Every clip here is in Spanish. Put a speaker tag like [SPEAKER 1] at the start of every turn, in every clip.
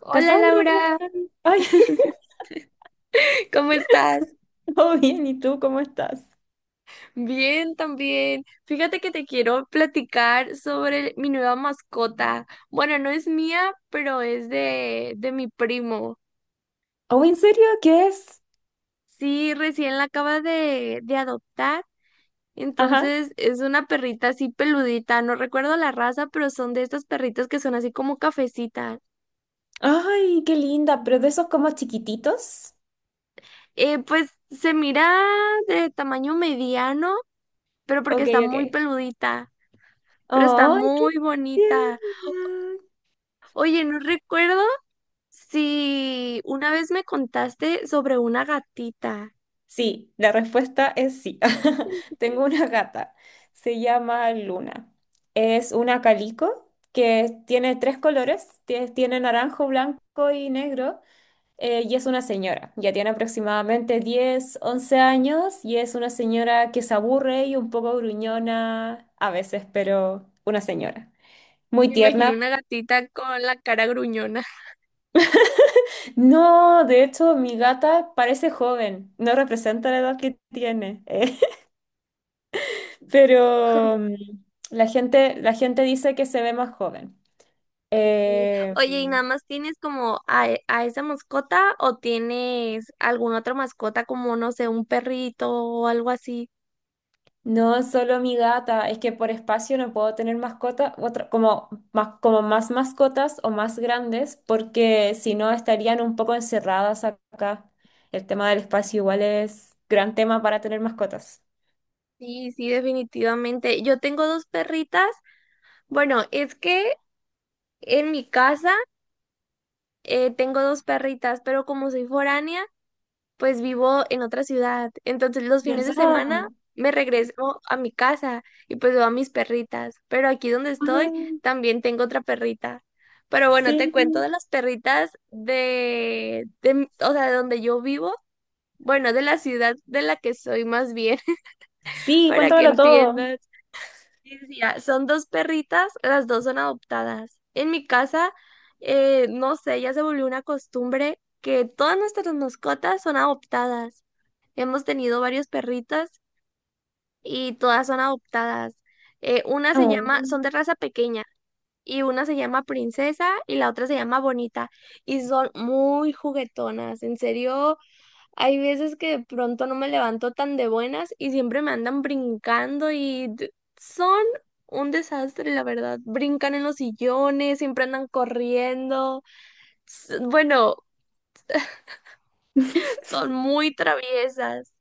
[SPEAKER 1] Hola
[SPEAKER 2] Cassandra, ¿cómo
[SPEAKER 1] Laura,
[SPEAKER 2] estás? Ay,
[SPEAKER 1] ¿cómo estás?
[SPEAKER 2] todo bien, ¿y tú cómo estás?
[SPEAKER 1] Bien, también. Fíjate que te quiero platicar sobre mi nueva mascota. Bueno, no es mía, pero es de mi primo.
[SPEAKER 2] Oh, ¿en serio? ¿Qué es?
[SPEAKER 1] Sí, recién la acaba de adoptar.
[SPEAKER 2] Ajá.
[SPEAKER 1] Entonces es una perrita así peludita. No recuerdo la raza, pero son de estas perritas que son así como cafecitas.
[SPEAKER 2] Ay, qué linda, pero de esos como chiquititos.
[SPEAKER 1] Pues se mira de tamaño mediano, pero porque
[SPEAKER 2] Ok,
[SPEAKER 1] está muy
[SPEAKER 2] ok.
[SPEAKER 1] peludita. Pero está
[SPEAKER 2] Ay, qué
[SPEAKER 1] muy bonita.
[SPEAKER 2] tierna.
[SPEAKER 1] Oye, no recuerdo si una vez me contaste sobre una gatita.
[SPEAKER 2] Sí, la respuesta es sí. Tengo una gata, se llama Luna. Es una calico que tiene tres colores, tiene naranjo, blanco y negro. Y es una señora, ya tiene aproximadamente 10, 11 años y es una señora que se aburre y un poco gruñona a veces, pero una señora. Muy
[SPEAKER 1] Me imagino
[SPEAKER 2] tierna.
[SPEAKER 1] una gatita con la cara gruñona.
[SPEAKER 2] No, de hecho, mi gata parece joven, no representa la edad que tiene, pero la gente, dice que se ve más joven.
[SPEAKER 1] Sí.
[SPEAKER 2] Eh,
[SPEAKER 1] Oye, ¿y nada más tienes como a esa mascota o tienes alguna otra mascota como, no sé, un perrito o algo así?
[SPEAKER 2] No, solo mi gata. Es que por espacio no puedo tener mascota, otra, como más mascotas o más grandes, porque si no estarían un poco encerradas acá. El tema del espacio igual es gran tema para tener mascotas.
[SPEAKER 1] Sí, sí, definitivamente. Yo tengo dos perritas. Bueno, es que en mi casa tengo dos perritas, pero como soy foránea, pues vivo en otra ciudad. Entonces los fines de
[SPEAKER 2] ¿Verdad?
[SPEAKER 1] semana
[SPEAKER 2] Ah,
[SPEAKER 1] me regreso a mi casa y pues veo a mis perritas. Pero aquí donde estoy
[SPEAKER 2] ah,
[SPEAKER 1] también tengo otra perrita. Pero bueno,
[SPEAKER 2] sí,
[SPEAKER 1] te cuento de las perritas de, o sea, de donde yo vivo. Bueno, de la ciudad de la que soy más bien,
[SPEAKER 2] sí,
[SPEAKER 1] para que
[SPEAKER 2] cuéntamelo todo.
[SPEAKER 1] entiendas. Sí, sí, ya. Son dos perritas, las dos son adoptadas. En mi casa, no sé, ya se volvió una costumbre que todas nuestras mascotas son adoptadas. Hemos tenido varios perritas y todas son adoptadas. Una se
[SPEAKER 2] Oh,
[SPEAKER 1] llama, son de raza pequeña y una se llama Princesa y la otra se llama Bonita y son muy juguetonas. En serio, hay veces que de pronto no me levanto tan de buenas y siempre me andan brincando y son un desastre, la verdad. Brincan en los sillones, siempre andan corriendo. Bueno, son muy traviesas,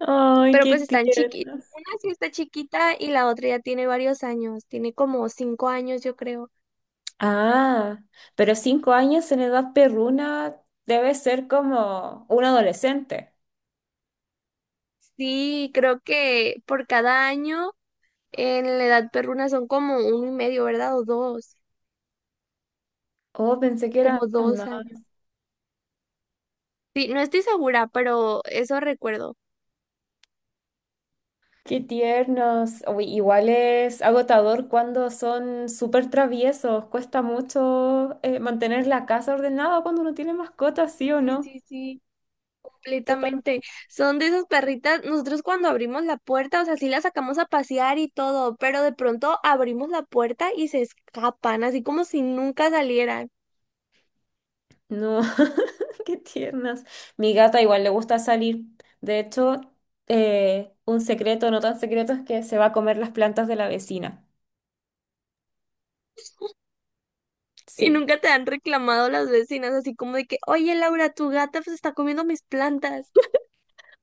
[SPEAKER 2] ay,
[SPEAKER 1] pero
[SPEAKER 2] qué
[SPEAKER 1] pues están chiquitas.
[SPEAKER 2] tiernas.
[SPEAKER 1] Una sí está chiquita y la otra ya tiene varios años, tiene como 5 años, yo creo.
[SPEAKER 2] Ah, pero 5 años en edad perruna debe ser como un adolescente.
[SPEAKER 1] Sí, creo que por cada año en la edad perruna son como uno y medio, ¿verdad? O dos,
[SPEAKER 2] Oh, pensé que eran
[SPEAKER 1] como 2 años.
[SPEAKER 2] más.
[SPEAKER 1] Sí, no estoy segura, pero eso recuerdo.
[SPEAKER 2] Qué tiernos. Uy, igual es agotador cuando son súper traviesos. Cuesta mucho mantener la casa ordenada cuando uno tiene mascotas, ¿sí o
[SPEAKER 1] Sí,
[SPEAKER 2] no?
[SPEAKER 1] sí, sí,
[SPEAKER 2] Total.
[SPEAKER 1] completamente. Son de esas perritas. Nosotros cuando abrimos la puerta, o sea, sí las sacamos a pasear y todo, pero de pronto abrimos la puerta y se escapan, así como si nunca salieran.
[SPEAKER 2] No, qué tiernas. Mi gata igual le gusta salir. De hecho, un secreto, no tan secreto, es que se va a comer las plantas de la vecina.
[SPEAKER 1] Y
[SPEAKER 2] Sí.
[SPEAKER 1] nunca te han reclamado las vecinas, así como de que, oye, Laura, tu gata se está comiendo mis plantas.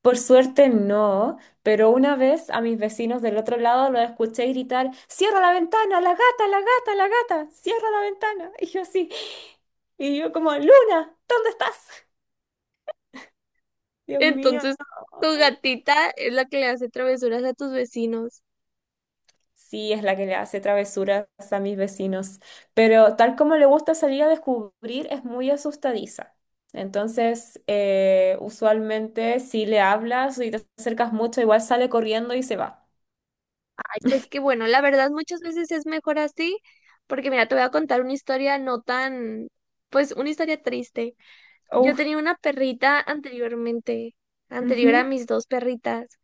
[SPEAKER 2] Por suerte no, pero una vez a mis vecinos del otro lado los escuché gritar, cierra la ventana, la gata, la gata, la gata, cierra la ventana. Y yo así, y yo como, Luna, ¿dónde estás? Dios mío.
[SPEAKER 1] Entonces, tu gatita es la que le hace travesuras a tus vecinos.
[SPEAKER 2] Sí, es la que le hace travesuras a mis vecinos, pero tal como le gusta salir a descubrir, es muy asustadiza. Entonces, usualmente si le hablas y te acercas mucho, igual sale corriendo y se va.
[SPEAKER 1] Pues que bueno, la verdad muchas veces es mejor así, porque mira, te voy a contar una historia no tan, pues una historia triste. Yo
[SPEAKER 2] Uf.
[SPEAKER 1] tenía una perrita anteriormente,
[SPEAKER 2] Ujú.
[SPEAKER 1] anterior a mis dos perritas.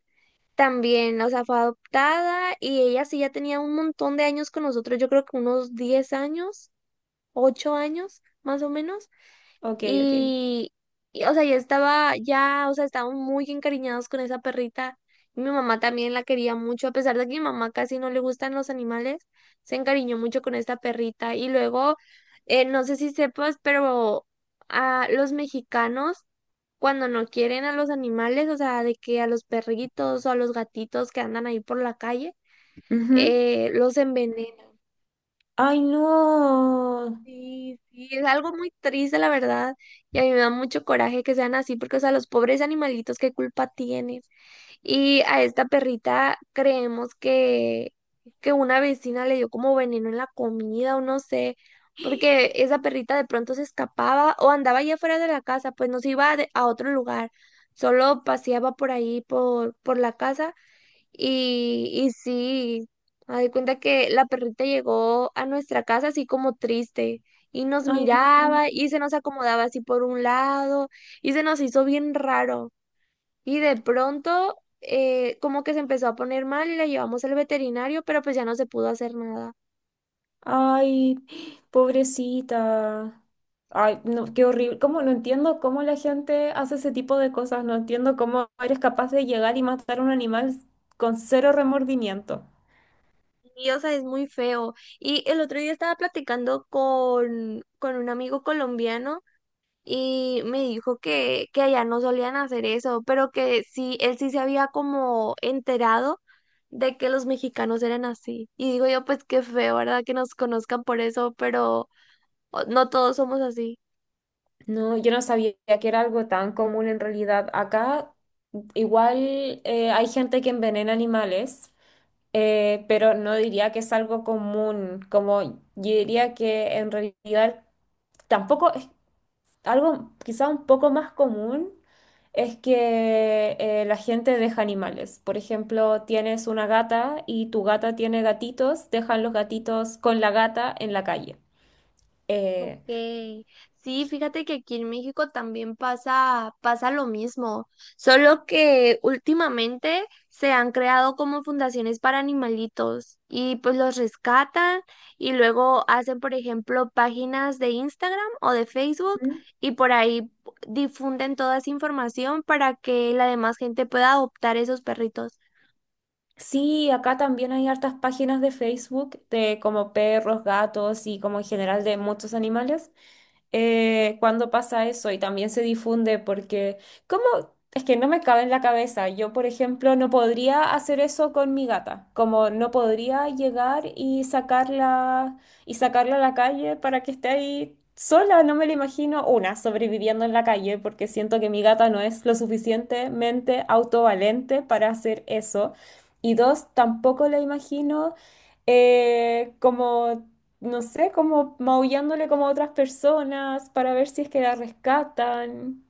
[SPEAKER 1] También, o sea, fue adoptada y ella sí ya tenía un montón de años con nosotros, yo creo que unos 10 años, 8 años más o menos.
[SPEAKER 2] Ok, ok.
[SPEAKER 1] Y, y, o sea, ya estaba, ya, o sea, estaban muy encariñados con esa perrita. Y mi mamá también la quería mucho, a pesar de que mi mamá casi no le gustan los animales, se encariñó mucho con esta perrita. Y luego, no sé si sepas, pero a los mexicanos, cuando no quieren a los animales, o sea, de que a los perritos o a los gatitos que andan ahí por la calle,
[SPEAKER 2] Ujú.
[SPEAKER 1] los envenenan.
[SPEAKER 2] Ay, no.
[SPEAKER 1] Sí, sí, es algo muy triste, la verdad, y a mí me da mucho coraje que sean así, porque, o sea, los pobres animalitos, ¿qué culpa tienen? Y a esta perrita creemos que una vecina le dio como veneno en la comida o no sé, porque esa perrita de pronto se escapaba o andaba allá afuera de la casa, pues no se iba a otro lugar, solo paseaba por ahí, por la casa y sí, haz de cuenta que la perrita llegó a nuestra casa así como triste y nos
[SPEAKER 2] Ay, no.
[SPEAKER 1] miraba y se nos acomodaba así por un lado y se nos hizo bien raro. Y de pronto como que se empezó a poner mal y la llevamos al veterinario, pero pues ya no se pudo hacer nada.
[SPEAKER 2] Ay, pobrecita. Ay, no, qué horrible. Cómo no entiendo cómo la gente hace ese tipo de cosas. No entiendo cómo eres capaz de llegar y matar a un animal con cero remordimiento.
[SPEAKER 1] Y, o sea, es muy feo. Y el otro día estaba platicando con un amigo colombiano y me dijo que allá no solían hacer eso, pero que sí, él sí se había como enterado de que los mexicanos eran así. Y digo yo, pues qué feo, ¿verdad? Que nos conozcan por eso, pero no todos somos así.
[SPEAKER 2] No, yo no sabía que era algo tan común en realidad. Acá igual hay gente que envenena animales, pero no diría que es algo común. Como yo diría que en realidad tampoco algo quizá un poco más común, es que la gente deja animales. Por ejemplo, tienes una gata y tu gata tiene gatitos, dejan los gatitos con la gata en la calle. Eh,
[SPEAKER 1] Ok, sí, fíjate que aquí en México también pasa lo mismo, solo que últimamente se han creado como fundaciones para animalitos y pues los rescatan y luego hacen, por ejemplo, páginas de Instagram o de Facebook
[SPEAKER 2] ¿Mm?
[SPEAKER 1] y por ahí difunden toda esa información para que la demás gente pueda adoptar esos perritos.
[SPEAKER 2] Sí, acá también hay hartas páginas de Facebook de como perros, gatos y como en general de muchos animales, cuando pasa eso y también se difunde porque, ¿cómo? Es que no me cabe en la cabeza. Yo, por ejemplo, no podría hacer eso con mi gata. Como no podría llegar y sacarla a la calle para que esté ahí sola. No me la imagino una sobreviviendo en la calle porque siento que mi gata no es lo suficientemente autovalente para hacer eso. Y dos, tampoco la imagino como, no sé, como maullándole como a otras personas para ver si es que la rescatan.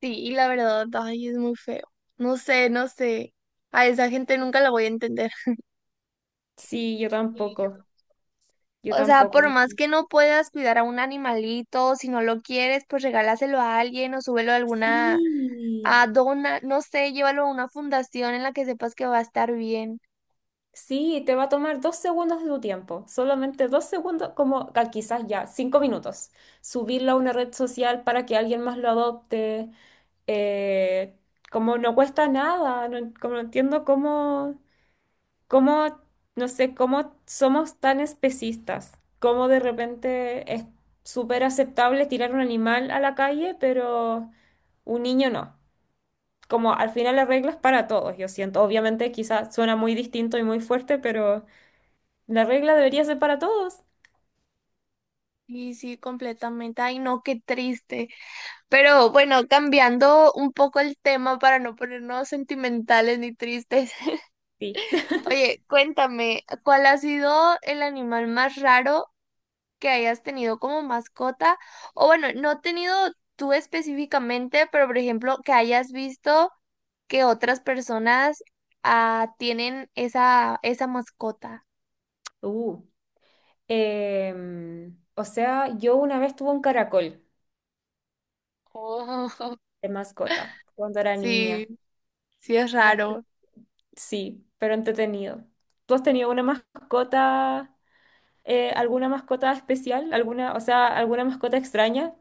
[SPEAKER 1] Sí, y la verdad, ay, es muy feo. No sé, no sé. A esa gente nunca la voy a entender.
[SPEAKER 2] Sí, yo tampoco, yo
[SPEAKER 1] O sea,
[SPEAKER 2] tampoco.
[SPEAKER 1] por más que no puedas cuidar a un animalito, si no lo quieres, pues regálaselo a alguien o súbelo a alguna,
[SPEAKER 2] Sí,
[SPEAKER 1] a dona, no sé, llévalo a una fundación en la que sepas que va a estar bien.
[SPEAKER 2] sí, te va a tomar 2 segundos de tu tiempo, solamente 2 segundos, como ah, quizás ya, 5 minutos. Subirlo a una red social para que alguien más lo adopte. eh, como no cuesta nada, no, como no entiendo cómo. Cómo, no sé, cómo somos tan especistas, cómo de repente es súper aceptable tirar un animal a la calle, pero un niño no. Como al final la regla es para todos, yo siento. Obviamente quizás suena muy distinto y muy fuerte, pero la regla debería ser para todos.
[SPEAKER 1] Y sí, completamente. Ay, no, qué triste. Pero bueno, cambiando un poco el tema para no ponernos sentimentales ni tristes.
[SPEAKER 2] Sí.
[SPEAKER 1] Oye, cuéntame, ¿cuál ha sido el animal más raro que hayas tenido como mascota? O bueno, no tenido tú específicamente, pero por ejemplo, que hayas visto que otras personas ah, tienen esa mascota.
[SPEAKER 2] Uh, o sea, yo una vez tuve un caracol
[SPEAKER 1] Oh,
[SPEAKER 2] de mascota cuando era
[SPEAKER 1] Sí,
[SPEAKER 2] niña.
[SPEAKER 1] sí es
[SPEAKER 2] Muy-
[SPEAKER 1] raro.
[SPEAKER 2] Sí, pero entretenido. ¿Tú has tenido una mascota? Alguna mascota especial, alguna, o sea, alguna mascota extraña.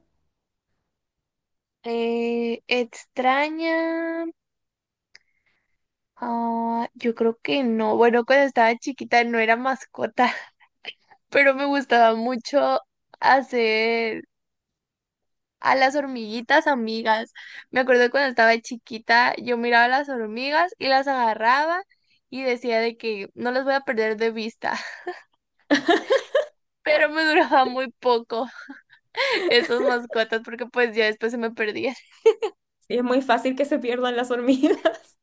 [SPEAKER 1] Extraña. Ah, yo creo que no. Bueno, cuando estaba chiquita no era mascota, pero me gustaba mucho hacer a las hormiguitas amigas. Me acuerdo cuando estaba chiquita, yo miraba a las hormigas y las agarraba y decía de que no las voy a perder de vista, pero me duraba muy poco esas mascotas porque pues ya después se me perdían.
[SPEAKER 2] Sí, es muy fácil que se pierdan las hormigas.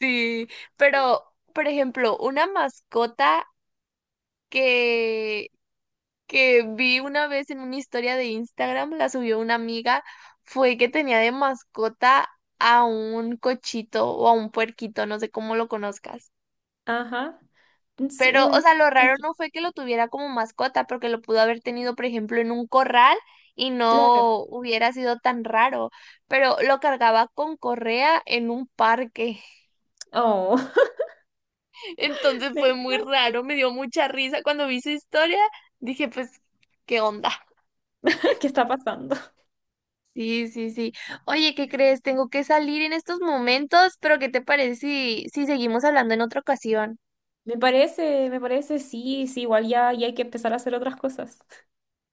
[SPEAKER 1] Sí, pero por ejemplo, una mascota que que vi una vez en una historia de Instagram, la subió una amiga, fue que tenía de mascota a un cochito o a un puerquito, no sé cómo lo conozcas.
[SPEAKER 2] Ajá. Sí,
[SPEAKER 1] Pero, o
[SPEAKER 2] un...
[SPEAKER 1] sea, lo raro no fue que lo tuviera como mascota, porque lo pudo haber tenido, por ejemplo, en un corral y
[SPEAKER 2] Claro.
[SPEAKER 1] no hubiera sido tan raro, pero lo cargaba con correa en un parque.
[SPEAKER 2] Oh,
[SPEAKER 1] Entonces
[SPEAKER 2] me
[SPEAKER 1] fue muy
[SPEAKER 2] encanta.
[SPEAKER 1] raro, me dio mucha risa cuando vi su historia. Dije, pues, ¿qué onda?
[SPEAKER 2] ¿Qué está pasando?
[SPEAKER 1] Sí, sí, sí. Oye, ¿qué crees? Tengo que salir en estos momentos, pero ¿qué te parece si seguimos hablando en otra ocasión?
[SPEAKER 2] Me parece, sí, sí, igual ya, ya hay que empezar a hacer otras cosas.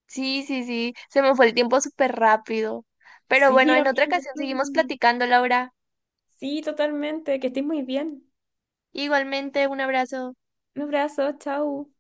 [SPEAKER 1] Sí, sí, sí, se me fue el tiempo súper rápido. Pero bueno,
[SPEAKER 2] Sí,
[SPEAKER 1] en otra ocasión seguimos
[SPEAKER 2] amigo.
[SPEAKER 1] platicando, Laura.
[SPEAKER 2] Sí, totalmente. Que estés muy bien.
[SPEAKER 1] Igualmente, un abrazo.
[SPEAKER 2] Un abrazo, chao.